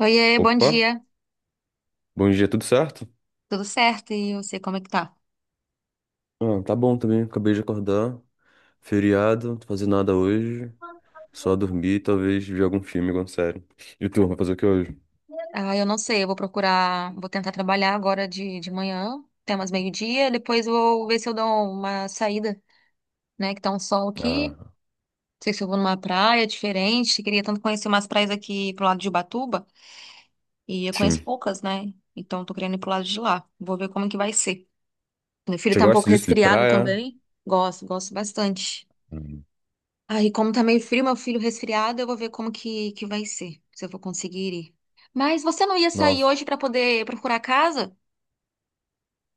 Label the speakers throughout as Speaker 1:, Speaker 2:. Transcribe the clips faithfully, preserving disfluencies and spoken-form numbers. Speaker 1: Oiê, bom
Speaker 2: Opa,
Speaker 1: dia.
Speaker 2: bom dia, tudo certo?
Speaker 1: Tudo certo? E você, como é que tá?
Speaker 2: Ah, tá bom também, acabei de acordar. Feriado, não tô fazendo nada hoje. Só dormir e talvez ver algum filme, alguma série. E tu, vai fazer o que hoje?
Speaker 1: Ah, eu não sei, eu vou procurar, vou tentar trabalhar agora de, de manhã, até umas meio-dia, depois eu vou ver se eu dou uma saída, né, que tá um sol aqui.
Speaker 2: Ah,
Speaker 1: Não sei se eu vou numa praia diferente, queria tanto conhecer umas praias aqui pro lado de Ubatuba, e eu conheço
Speaker 2: sim.
Speaker 1: poucas, né? Então tô querendo ir pro lado de lá. Vou ver como que vai ser. Meu filho
Speaker 2: Você
Speaker 1: tá um
Speaker 2: gosta
Speaker 1: pouco
Speaker 2: disso, de
Speaker 1: resfriado
Speaker 2: praia?
Speaker 1: também. Gosto, gosto bastante.
Speaker 2: Hum.
Speaker 1: Aí, como tá meio frio, meu filho resfriado, eu vou ver como que, que vai ser, se eu vou conseguir ir. Mas você não ia sair
Speaker 2: Nossa,
Speaker 1: hoje pra poder procurar casa?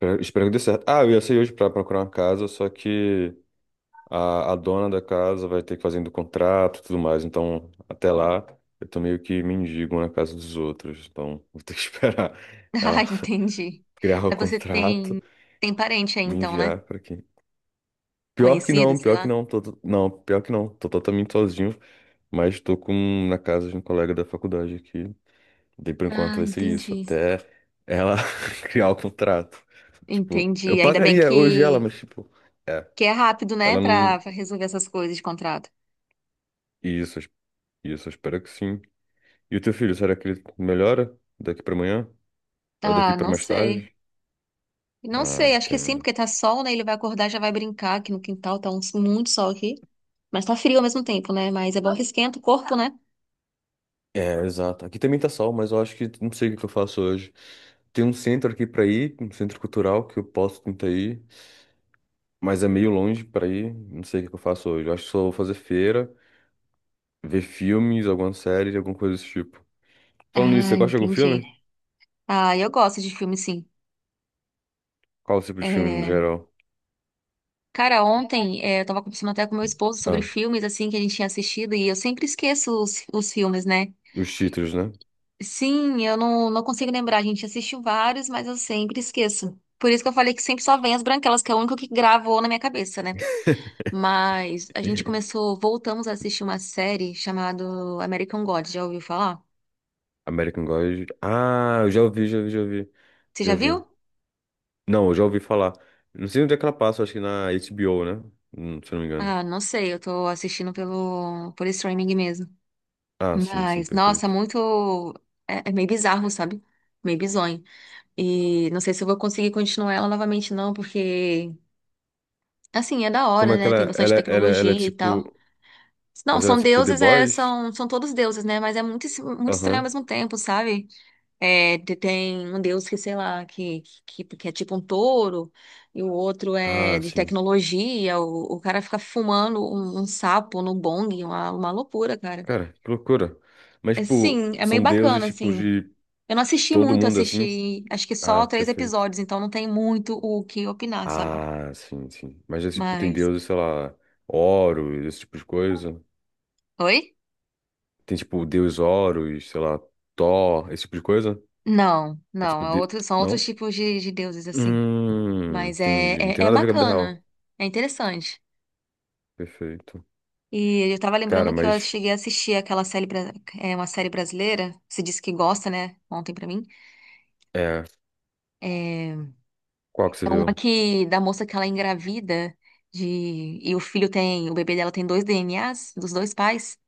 Speaker 2: Espero espero que dê certo. Ah, eu ia sair hoje pra procurar uma casa, só que a, a dona da casa vai ter que fazer do contrato e tudo mais. Então, até lá, eu tô meio que mendigo na casa dos outros. Então, vou ter que esperar
Speaker 1: Ah,
Speaker 2: ela
Speaker 1: entendi.
Speaker 2: criar o
Speaker 1: Mas você
Speaker 2: contrato,
Speaker 1: tem tem parente aí
Speaker 2: me
Speaker 1: então, né?
Speaker 2: enviar pra quem. Pior que
Speaker 1: Conhecido,
Speaker 2: não,
Speaker 1: sei
Speaker 2: pior que
Speaker 1: lá.
Speaker 2: não, tô, tô- não, pior que não, tô totalmente sozinho, mas tô com na casa de um colega da faculdade aqui. Daí por enquanto
Speaker 1: Ah,
Speaker 2: vai ser isso,
Speaker 1: entendi.
Speaker 2: até ela criar o contrato. Tipo, eu
Speaker 1: Entendi. Ainda bem
Speaker 2: pagaria hoje ela,
Speaker 1: que
Speaker 2: mas tipo, é,
Speaker 1: que é rápido, né,
Speaker 2: ela
Speaker 1: pra
Speaker 2: não.
Speaker 1: pra resolver essas coisas de contrato.
Speaker 2: Isso, eu- isso, eu espero que sim. E o teu filho, será que ele melhora daqui pra amanhã? Ou daqui
Speaker 1: Ah,
Speaker 2: pra
Speaker 1: não
Speaker 2: mais
Speaker 1: sei.
Speaker 2: tarde?
Speaker 1: Não
Speaker 2: Ah,
Speaker 1: sei, acho que sim,
Speaker 2: entendo.
Speaker 1: porque tá sol, né? Ele vai acordar, já vai brincar aqui no quintal, tá um- muito sol aqui. Mas tá frio ao mesmo tempo, né? Mas é bom que esquenta o corpo, né?
Speaker 2: É, exato. Aqui também tá sol, mas eu acho que não sei o que que eu faço hoje. Tem um centro aqui pra ir, um centro cultural que eu posso tentar ir. Mas é meio longe pra ir. Não sei o que que eu faço hoje. Eu acho que só vou fazer feira, ver filmes, alguma série, alguma coisa desse tipo. Falando nisso, você
Speaker 1: Ah,
Speaker 2: gosta de algum
Speaker 1: entendi.
Speaker 2: filme?
Speaker 1: Ah, eu gosto de filme, sim.
Speaker 2: Qual o tipo de filme no
Speaker 1: É,
Speaker 2: geral?
Speaker 1: cara, ontem é, eu tava conversando até com meu esposo sobre
Speaker 2: Ah,
Speaker 1: filmes, assim, que a gente tinha assistido, e eu sempre esqueço os, os filmes, né?
Speaker 2: os títulos, né?
Speaker 1: Sim, eu não, não consigo lembrar. A gente assistiu vários, mas eu sempre esqueço. Por isso que eu falei que sempre só vem As Branquelas, que é o único que gravou na minha cabeça, né? Mas a gente começou, voltamos a assistir uma série chamada American God. Já ouviu falar?
Speaker 2: American God. Ah, eu já ouvi, já ouvi, já ouvi.
Speaker 1: Você
Speaker 2: Já
Speaker 1: já
Speaker 2: ouvi.
Speaker 1: viu?
Speaker 2: Não, eu já ouvi falar. Não sei onde é que ela passa, acho que na H B O, né? Hum, Se eu não me engano.
Speaker 1: Ah, não sei, eu tô assistindo pelo, por streaming mesmo.
Speaker 2: Ah, sim, sim,
Speaker 1: Mas, nossa,
Speaker 2: perfeito.
Speaker 1: muito. É, é meio bizarro, sabe? Meio bizonho. E não sei se eu vou conseguir continuar ela novamente, não, porque, assim, é da
Speaker 2: Como
Speaker 1: hora,
Speaker 2: é que
Speaker 1: né? Tem
Speaker 2: ela,
Speaker 1: bastante
Speaker 2: ela, ela, ela é
Speaker 1: tecnologia e
Speaker 2: tipo.
Speaker 1: tal. Não,
Speaker 2: Mas ela é
Speaker 1: são
Speaker 2: tipo The
Speaker 1: deuses, é,
Speaker 2: Boys?
Speaker 1: são, são todos deuses, né? Mas é muito, es- muito estranho ao
Speaker 2: Aham.
Speaker 1: mesmo tempo, sabe? É, te- tem um deus que, sei lá, que, que, que é tipo um touro, e o outro é
Speaker 2: Ah,
Speaker 1: de
Speaker 2: sim.
Speaker 1: tecnologia, o, o cara fica fumando um, um sapo no bong, uma, uma loucura, cara.
Speaker 2: Cara, que loucura. Mas,
Speaker 1: É,
Speaker 2: tipo,
Speaker 1: sim, é meio
Speaker 2: são deuses,
Speaker 1: bacana,
Speaker 2: tipo,
Speaker 1: assim.
Speaker 2: de.
Speaker 1: Eu não assisti
Speaker 2: Todo
Speaker 1: muito,
Speaker 2: mundo assim?
Speaker 1: assisti acho que
Speaker 2: Ah,
Speaker 1: só três
Speaker 2: perfeito.
Speaker 1: episódios, então não tem muito o que opinar, sabe?
Speaker 2: Ah, sim, sim. Mas, é, tipo, tem
Speaker 1: Mas.
Speaker 2: deuses, sei lá, Horus, esse tipo de coisa.
Speaker 1: Oi?
Speaker 2: Tem, tipo, o deus Horus, sei lá, Thor, esse tipo de coisa.
Speaker 1: Não,
Speaker 2: É
Speaker 1: não,
Speaker 2: tipo,
Speaker 1: é
Speaker 2: de...
Speaker 1: outro, são outros
Speaker 2: não?
Speaker 1: tipos de, de deuses, assim.
Speaker 2: Hum,
Speaker 1: Mas é,
Speaker 2: entendi. Não
Speaker 1: é,
Speaker 2: tem
Speaker 1: é
Speaker 2: nada a ver com a vida real.
Speaker 1: bacana, é interessante.
Speaker 2: Perfeito.
Speaker 1: E eu tava
Speaker 2: Cara,
Speaker 1: lembrando que eu
Speaker 2: mas,
Speaker 1: cheguei a assistir aquela série, bra- é uma série brasileira, você disse que gosta, né? Ontem pra mim.
Speaker 2: é,
Speaker 1: É,
Speaker 2: qual que você
Speaker 1: é uma
Speaker 2: viu?
Speaker 1: que, da moça que ela é engravida de, e o filho tem, o bebê dela tem dois D N As dos dois pais.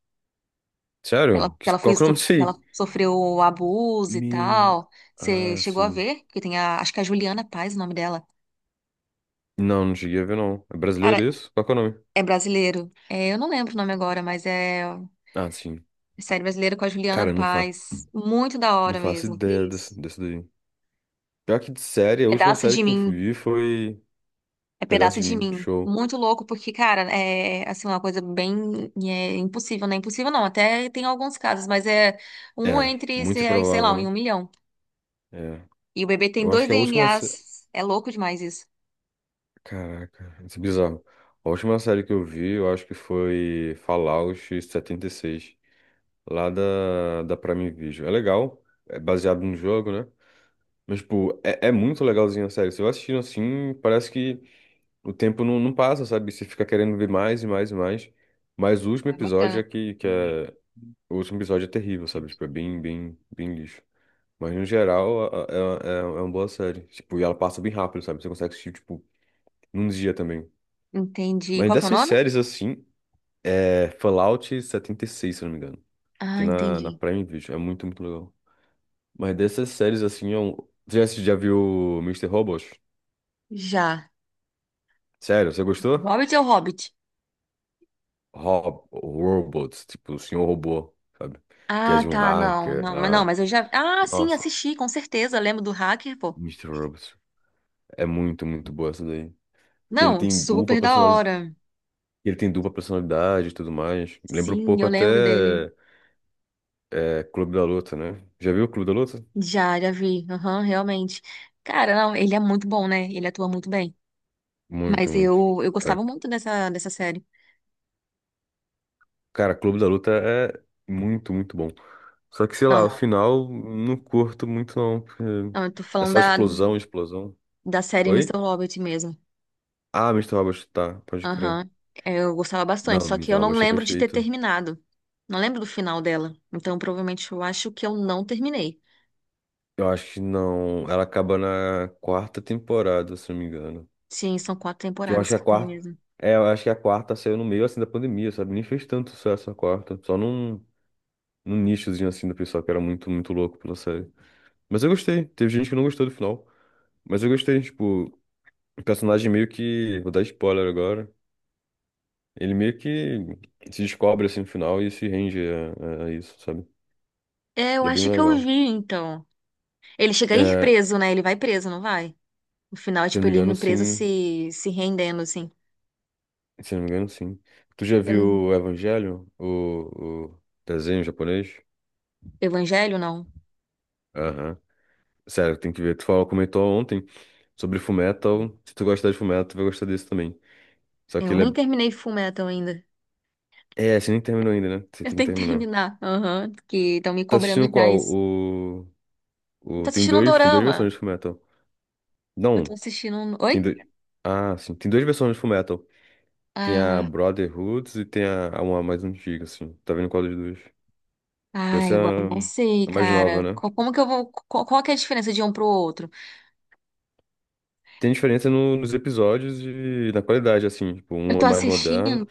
Speaker 1: Que ela,
Speaker 2: Sério?
Speaker 1: que
Speaker 2: Que-
Speaker 1: ela foi,
Speaker 2: Qual que eu não
Speaker 1: estu- que
Speaker 2: sei?
Speaker 1: ela sofreu abuso e
Speaker 2: Me...
Speaker 1: tal. Você
Speaker 2: Ah,
Speaker 1: chegou a
Speaker 2: sim.
Speaker 1: ver? Que tem a, acho que é a Juliana Paz, o nome dela.
Speaker 2: Não, não cheguei a ver, não. É
Speaker 1: Cara,
Speaker 2: brasileiro isso? Qual que é o nome?
Speaker 1: é brasileiro. É, eu não lembro o nome agora, mas é
Speaker 2: Ah, sim.
Speaker 1: série brasileira com a Juliana
Speaker 2: Cara, eu não, fa...
Speaker 1: Paz. Muito da
Speaker 2: não
Speaker 1: hora
Speaker 2: faço
Speaker 1: mesmo.
Speaker 2: ideia
Speaker 1: Que isso?
Speaker 2: desse, desse daí. Já que de série, a última
Speaker 1: Pedaço
Speaker 2: série
Speaker 1: de
Speaker 2: que eu
Speaker 1: mim.
Speaker 2: vi foi
Speaker 1: É
Speaker 2: Pedaço
Speaker 1: Pedaço
Speaker 2: de
Speaker 1: de
Speaker 2: Mim,
Speaker 1: Mim.
Speaker 2: show.
Speaker 1: Muito louco, porque, cara, é assim, uma coisa bem é, impossível, né? Impossível não, até tem alguns casos, mas é um
Speaker 2: É,
Speaker 1: entre,
Speaker 2: muito
Speaker 1: sei sei
Speaker 2: improvável,
Speaker 1: lá, em um
Speaker 2: né?
Speaker 1: milhão.
Speaker 2: É.
Speaker 1: E o bebê tem
Speaker 2: Eu acho
Speaker 1: dois
Speaker 2: que a última. se-
Speaker 1: D N As. É louco demais isso.
Speaker 2: Caraca, isso é bizarro. A última série que eu vi, eu acho que foi Fallout setenta e seis. Lá da, da Prime Video. É legal, é baseado num jogo, né? Mas, tipo, é, é muito legalzinho a série. Se eu assistindo assim, parece que o tempo não, não passa, sabe? Você fica querendo ver mais e mais e mais. Mas o último
Speaker 1: É
Speaker 2: episódio
Speaker 1: bacana.
Speaker 2: é que, que é. O último episódio é terrível, sabe? Tipo, é bem, bem, bem lixo. Mas no geral, a- a- é, é, é uma boa série. Tipo, e ela passa bem rápido, sabe? Você consegue assistir, tipo, num dia também.
Speaker 1: Entendi.
Speaker 2: Mas
Speaker 1: Qual que é o
Speaker 2: dessas
Speaker 1: nome?
Speaker 2: séries, assim, é Fallout setenta e seis, se eu não me engano.
Speaker 1: Ah,
Speaker 2: Tem na, na
Speaker 1: entendi.
Speaker 2: Prime Video. É muito, muito legal. Mas dessas séries, assim, é um... Você já, assisti- já viu Mister Robot?
Speaker 1: Já.
Speaker 2: Sério, você gostou?
Speaker 1: Hobbit é o Hobbit.
Speaker 2: Rob, Robots, tipo, o Senhor Robô, sabe? Que é
Speaker 1: Ah,
Speaker 2: de um
Speaker 1: tá, não,
Speaker 2: hacker
Speaker 1: não, mas não,
Speaker 2: lá.
Speaker 1: mas eu já. Ah, sim,
Speaker 2: Nossa,
Speaker 1: assisti, com certeza. Lembro do hacker, pô.
Speaker 2: Mister Robot. É muito, muito boa essa daí. Que ele
Speaker 1: Não,
Speaker 2: tem dupla
Speaker 1: super da
Speaker 2: personalidade,
Speaker 1: hora.
Speaker 2: ele tem dupla personalidade e tudo mais. Lembra um
Speaker 1: Sim,
Speaker 2: pouco
Speaker 1: eu lembro dele.
Speaker 2: até é, Clube da Luta, né? Já viu o Clube da Luta?
Speaker 1: Já, já vi. Aham, realmente. Cara, não, ele é muito bom, né? Ele atua muito bem.
Speaker 2: Muito,
Speaker 1: Mas
Speaker 2: muito.
Speaker 1: eu, eu gostava
Speaker 2: Cara,
Speaker 1: muito dessa, dessa série.
Speaker 2: cara, Clube da Luta é muito, muito bom. Só que, sei
Speaker 1: Não,
Speaker 2: lá, o
Speaker 1: não,
Speaker 2: final não curto muito não, porque
Speaker 1: eu tô
Speaker 2: é
Speaker 1: falando
Speaker 2: só
Speaker 1: da,
Speaker 2: explosão, explosão.
Speaker 1: da série
Speaker 2: Oi?
Speaker 1: Mister Hobbit mesmo.
Speaker 2: Ah, Mister Robot, tá, pode crer.
Speaker 1: Aham. É, eu gostava bastante,
Speaker 2: Não,
Speaker 1: só que
Speaker 2: Mister
Speaker 1: eu não
Speaker 2: Robot é
Speaker 1: lembro de ter
Speaker 2: perfeito.
Speaker 1: terminado. Não lembro do final dela. Então, provavelmente, eu acho que eu não terminei.
Speaker 2: Eu acho que não. Ela acaba na quarta temporada, se não me engano.
Speaker 1: Sim, são quatro
Speaker 2: Que eu acho
Speaker 1: temporadas
Speaker 2: que é a
Speaker 1: que tem
Speaker 2: quarta.
Speaker 1: mesmo.
Speaker 2: É, eu acho que é a quarta saiu no meio assim da pandemia, sabe? Nem fez tanto sucesso a quarta. Só num, num nichozinho assim do pessoal que era muito, muito louco pela série. Mas eu gostei. Teve gente que não gostou do final. Mas eu gostei, tipo, o personagem meio que. Vou dar spoiler agora. Ele meio que se descobre assim no final e se rende a, a- a isso, sabe?
Speaker 1: É, eu
Speaker 2: E é bem
Speaker 1: acho que eu vi,
Speaker 2: legal.
Speaker 1: então. Ele chega a ir
Speaker 2: É,
Speaker 1: preso, né? Ele vai preso, não vai? No final, é
Speaker 2: se eu
Speaker 1: tipo,
Speaker 2: não me
Speaker 1: ele
Speaker 2: engano,
Speaker 1: indo preso
Speaker 2: sim.
Speaker 1: se, se rendendo, assim.
Speaker 2: Se eu não me engano, sim. Tu já
Speaker 1: Eu
Speaker 2: viu
Speaker 1: não-
Speaker 2: o Evangelho? O, o desenho japonês?
Speaker 1: Evangelho, não.
Speaker 2: Aham. Sério, tem que ver. Tu falou, comentou ontem, sobre Fullmetal. Se tu gostar de Fullmetal, tu vai gostar desse também. Só que
Speaker 1: Eu nem
Speaker 2: ele
Speaker 1: terminei Fullmetal ainda.
Speaker 2: é. É, você nem terminou ainda, né? Você
Speaker 1: Eu
Speaker 2: tem que
Speaker 1: tenho que
Speaker 2: terminar.
Speaker 1: terminar. Aham, que estão me
Speaker 2: Tá assistindo
Speaker 1: cobrando já
Speaker 2: qual?
Speaker 1: isso.
Speaker 2: O.
Speaker 1: Eu tô
Speaker 2: O... Tem
Speaker 1: assistindo um
Speaker 2: dois. Tem duas versões
Speaker 1: dorama.
Speaker 2: de Fullmetal.
Speaker 1: Eu tô
Speaker 2: Não.
Speaker 1: assistindo um...
Speaker 2: Tem
Speaker 1: Oi?
Speaker 2: dois. Ah, sim. Tem duas versões de Fullmetal. Tem a
Speaker 1: Ah.
Speaker 2: Brotherhood e tem a, a uma mais antiga, assim. Tá vendo qual dos dois?
Speaker 1: Ai,
Speaker 2: Essa
Speaker 1: agora eu
Speaker 2: é a,
Speaker 1: não sei,
Speaker 2: a mais nova,
Speaker 1: cara.
Speaker 2: né?
Speaker 1: Co- Como que eu vou. co- Qual, que é a diferença de um pro outro?
Speaker 2: Tem diferença no- nos episódios e na qualidade, assim. Tipo,
Speaker 1: Eu
Speaker 2: um é
Speaker 1: tô
Speaker 2: mais moderno.
Speaker 1: assistindo.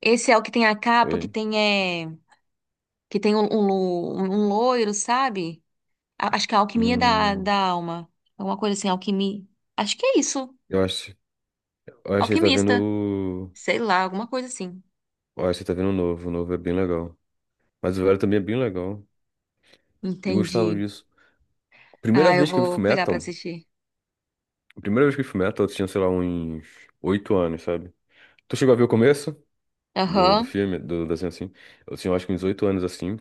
Speaker 1: Esse é o que tem a capa, que
Speaker 2: Oi.
Speaker 1: tem é. Que tem um, um, lo- um um loiro, sabe? A- acho que é a Alquimia da,
Speaker 2: Hum,
Speaker 1: da Alma. Alguma coisa assim, alquimia. Acho que é isso.
Speaker 2: eu acho. Eu acho que ele tá
Speaker 1: Alquimista.
Speaker 2: vendo.
Speaker 1: Sei lá, alguma coisa assim.
Speaker 2: Ó, você tá vendo o novo, o novo é bem legal. Mas o velho também é bem legal. Eu gostava
Speaker 1: Entendi.
Speaker 2: disso. Primeira
Speaker 1: Ah, eu
Speaker 2: vez que eu vi
Speaker 1: vou pegar pra
Speaker 2: Fullmetal,
Speaker 1: assistir.
Speaker 2: a primeira vez que eu vi Fullmetal, eu tinha, sei lá, uns oito anos, sabe? Tu chegou a ver o começo do, do
Speaker 1: Aham.
Speaker 2: filme, do desenho assim? Eu tinha, acho que uns oito anos assim.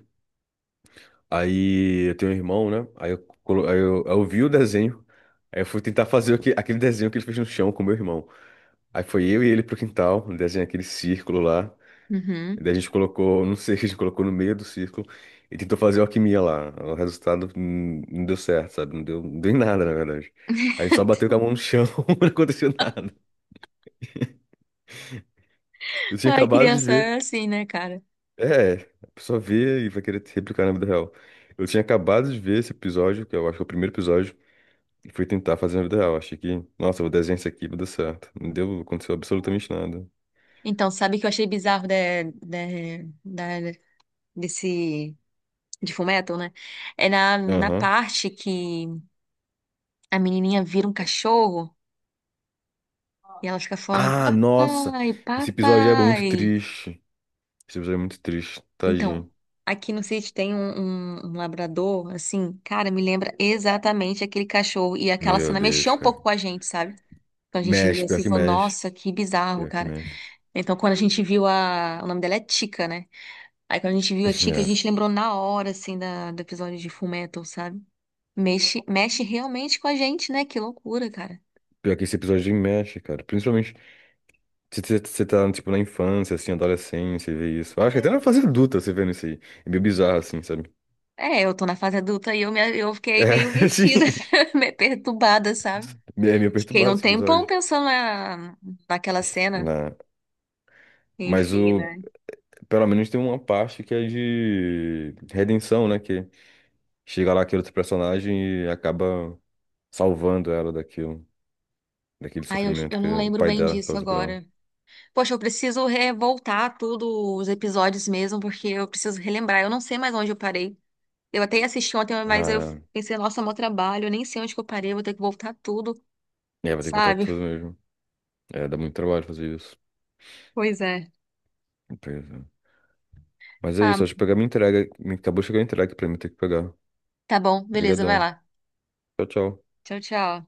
Speaker 2: Aí eu tenho um irmão, né? Aí eu, colo- aí eu, aí eu vi o desenho. Aí eu fui tentar fazer o aquele desenho que ele fez no chão com o meu irmão. Aí foi eu e ele pro quintal, desenhei aquele círculo lá.
Speaker 1: Uhum.
Speaker 2: Daí a gente colocou, não sei, a gente colocou no meio do círculo e tentou fazer alquimia lá. O resultado hum, não deu certo, sabe? Não deu, não deu em nada, na verdade. A gente só bateu com a mão no chão, não aconteceu nada. Eu tinha
Speaker 1: Ai,
Speaker 2: acabado de
Speaker 1: criança é
Speaker 2: ver.
Speaker 1: assim, né, cara?
Speaker 2: É, a pessoa vê e vai querer replicar na vida real. Eu tinha acabado de ver esse episódio, que eu acho que é o primeiro episódio, e fui tentar fazer na vida real. Achei que, nossa, eu vou desenhar isso aqui, vai dar certo. Não deu, aconteceu absolutamente nada.
Speaker 1: Então, sabe o que eu achei bizarro da, da, da- desse. De Fullmetal, né? É na, na
Speaker 2: Aham.
Speaker 1: parte que a menininha vira um cachorro e ela fica falando,
Speaker 2: Ah, nossa!
Speaker 1: papai,
Speaker 2: Esse episódio é muito
Speaker 1: papai.
Speaker 2: triste. Esse episódio é muito triste,
Speaker 1: Então,
Speaker 2: tadinho.
Speaker 1: aqui no sítio tem um, um, um labrador, assim, cara, me lembra exatamente aquele cachorro. E aquela
Speaker 2: Meu
Speaker 1: cena mexeu
Speaker 2: Deus,
Speaker 1: um
Speaker 2: cara.
Speaker 1: pouco com a gente, sabe? Então a gente viu
Speaker 2: Mexe, pior
Speaker 1: assim e
Speaker 2: que
Speaker 1: falou,
Speaker 2: mexe.
Speaker 1: nossa, que bizarro,
Speaker 2: Pior que
Speaker 1: cara.
Speaker 2: mexe.
Speaker 1: Então quando a gente viu a... O nome dela é Tica, né? Aí quando a gente viu a Tica, a
Speaker 2: É.
Speaker 1: gente lembrou na hora, assim, da... do episódio de Fullmetal, sabe? Mexe, mexe realmente com a gente, né? Que loucura, cara.
Speaker 2: Pior que esse episódio mexe, cara. Principalmente se você você tá, tipo, na infância, assim, adolescência, e vê isso. Eu acho que até na fase adulta você vendo isso aí. É meio bizarro, assim, sabe?
Speaker 1: É, eu tô na fase adulta e eu, me, eu fiquei meio
Speaker 2: É, assim.
Speaker 1: mexida, meio perturbada, sabe?
Speaker 2: É meio
Speaker 1: Fiquei
Speaker 2: perturbado
Speaker 1: um
Speaker 2: esse
Speaker 1: tempão
Speaker 2: episódio.
Speaker 1: pensando na, naquela cena.
Speaker 2: Na... Mas
Speaker 1: Enfim,
Speaker 2: o...
Speaker 1: né?
Speaker 2: pelo menos tem uma parte que é de redenção, né? Que chega lá aquele outro personagem e acaba salvando ela daquilo. Daquele
Speaker 1: Ai, eu,
Speaker 2: sofrimento
Speaker 1: eu
Speaker 2: que
Speaker 1: não
Speaker 2: o
Speaker 1: lembro
Speaker 2: pai
Speaker 1: bem
Speaker 2: dela
Speaker 1: disso
Speaker 2: causou pra ela.
Speaker 1: agora. Poxa, eu preciso revoltar tudo, os episódios mesmo, porque eu preciso relembrar. Eu não sei mais onde eu parei. Eu até assisti ontem, mas eu
Speaker 2: Ah,
Speaker 1: pensei, nossa, meu trabalho, eu nem sei onde que eu parei, eu vou ter que voltar tudo,
Speaker 2: é, vai ter que botar
Speaker 1: sabe?
Speaker 2: tudo mesmo. É, dá muito trabalho fazer isso.
Speaker 1: Pois é.
Speaker 2: Pois é. Mas é
Speaker 1: Ah,
Speaker 2: isso, acho que pegar minha entrega. Acabou de chegar a entrega pra mim ter que pegar.
Speaker 1: tá bom, beleza, vai
Speaker 2: Obrigadão.
Speaker 1: lá.
Speaker 2: Tchau, tchau.
Speaker 1: Tchau, tchau.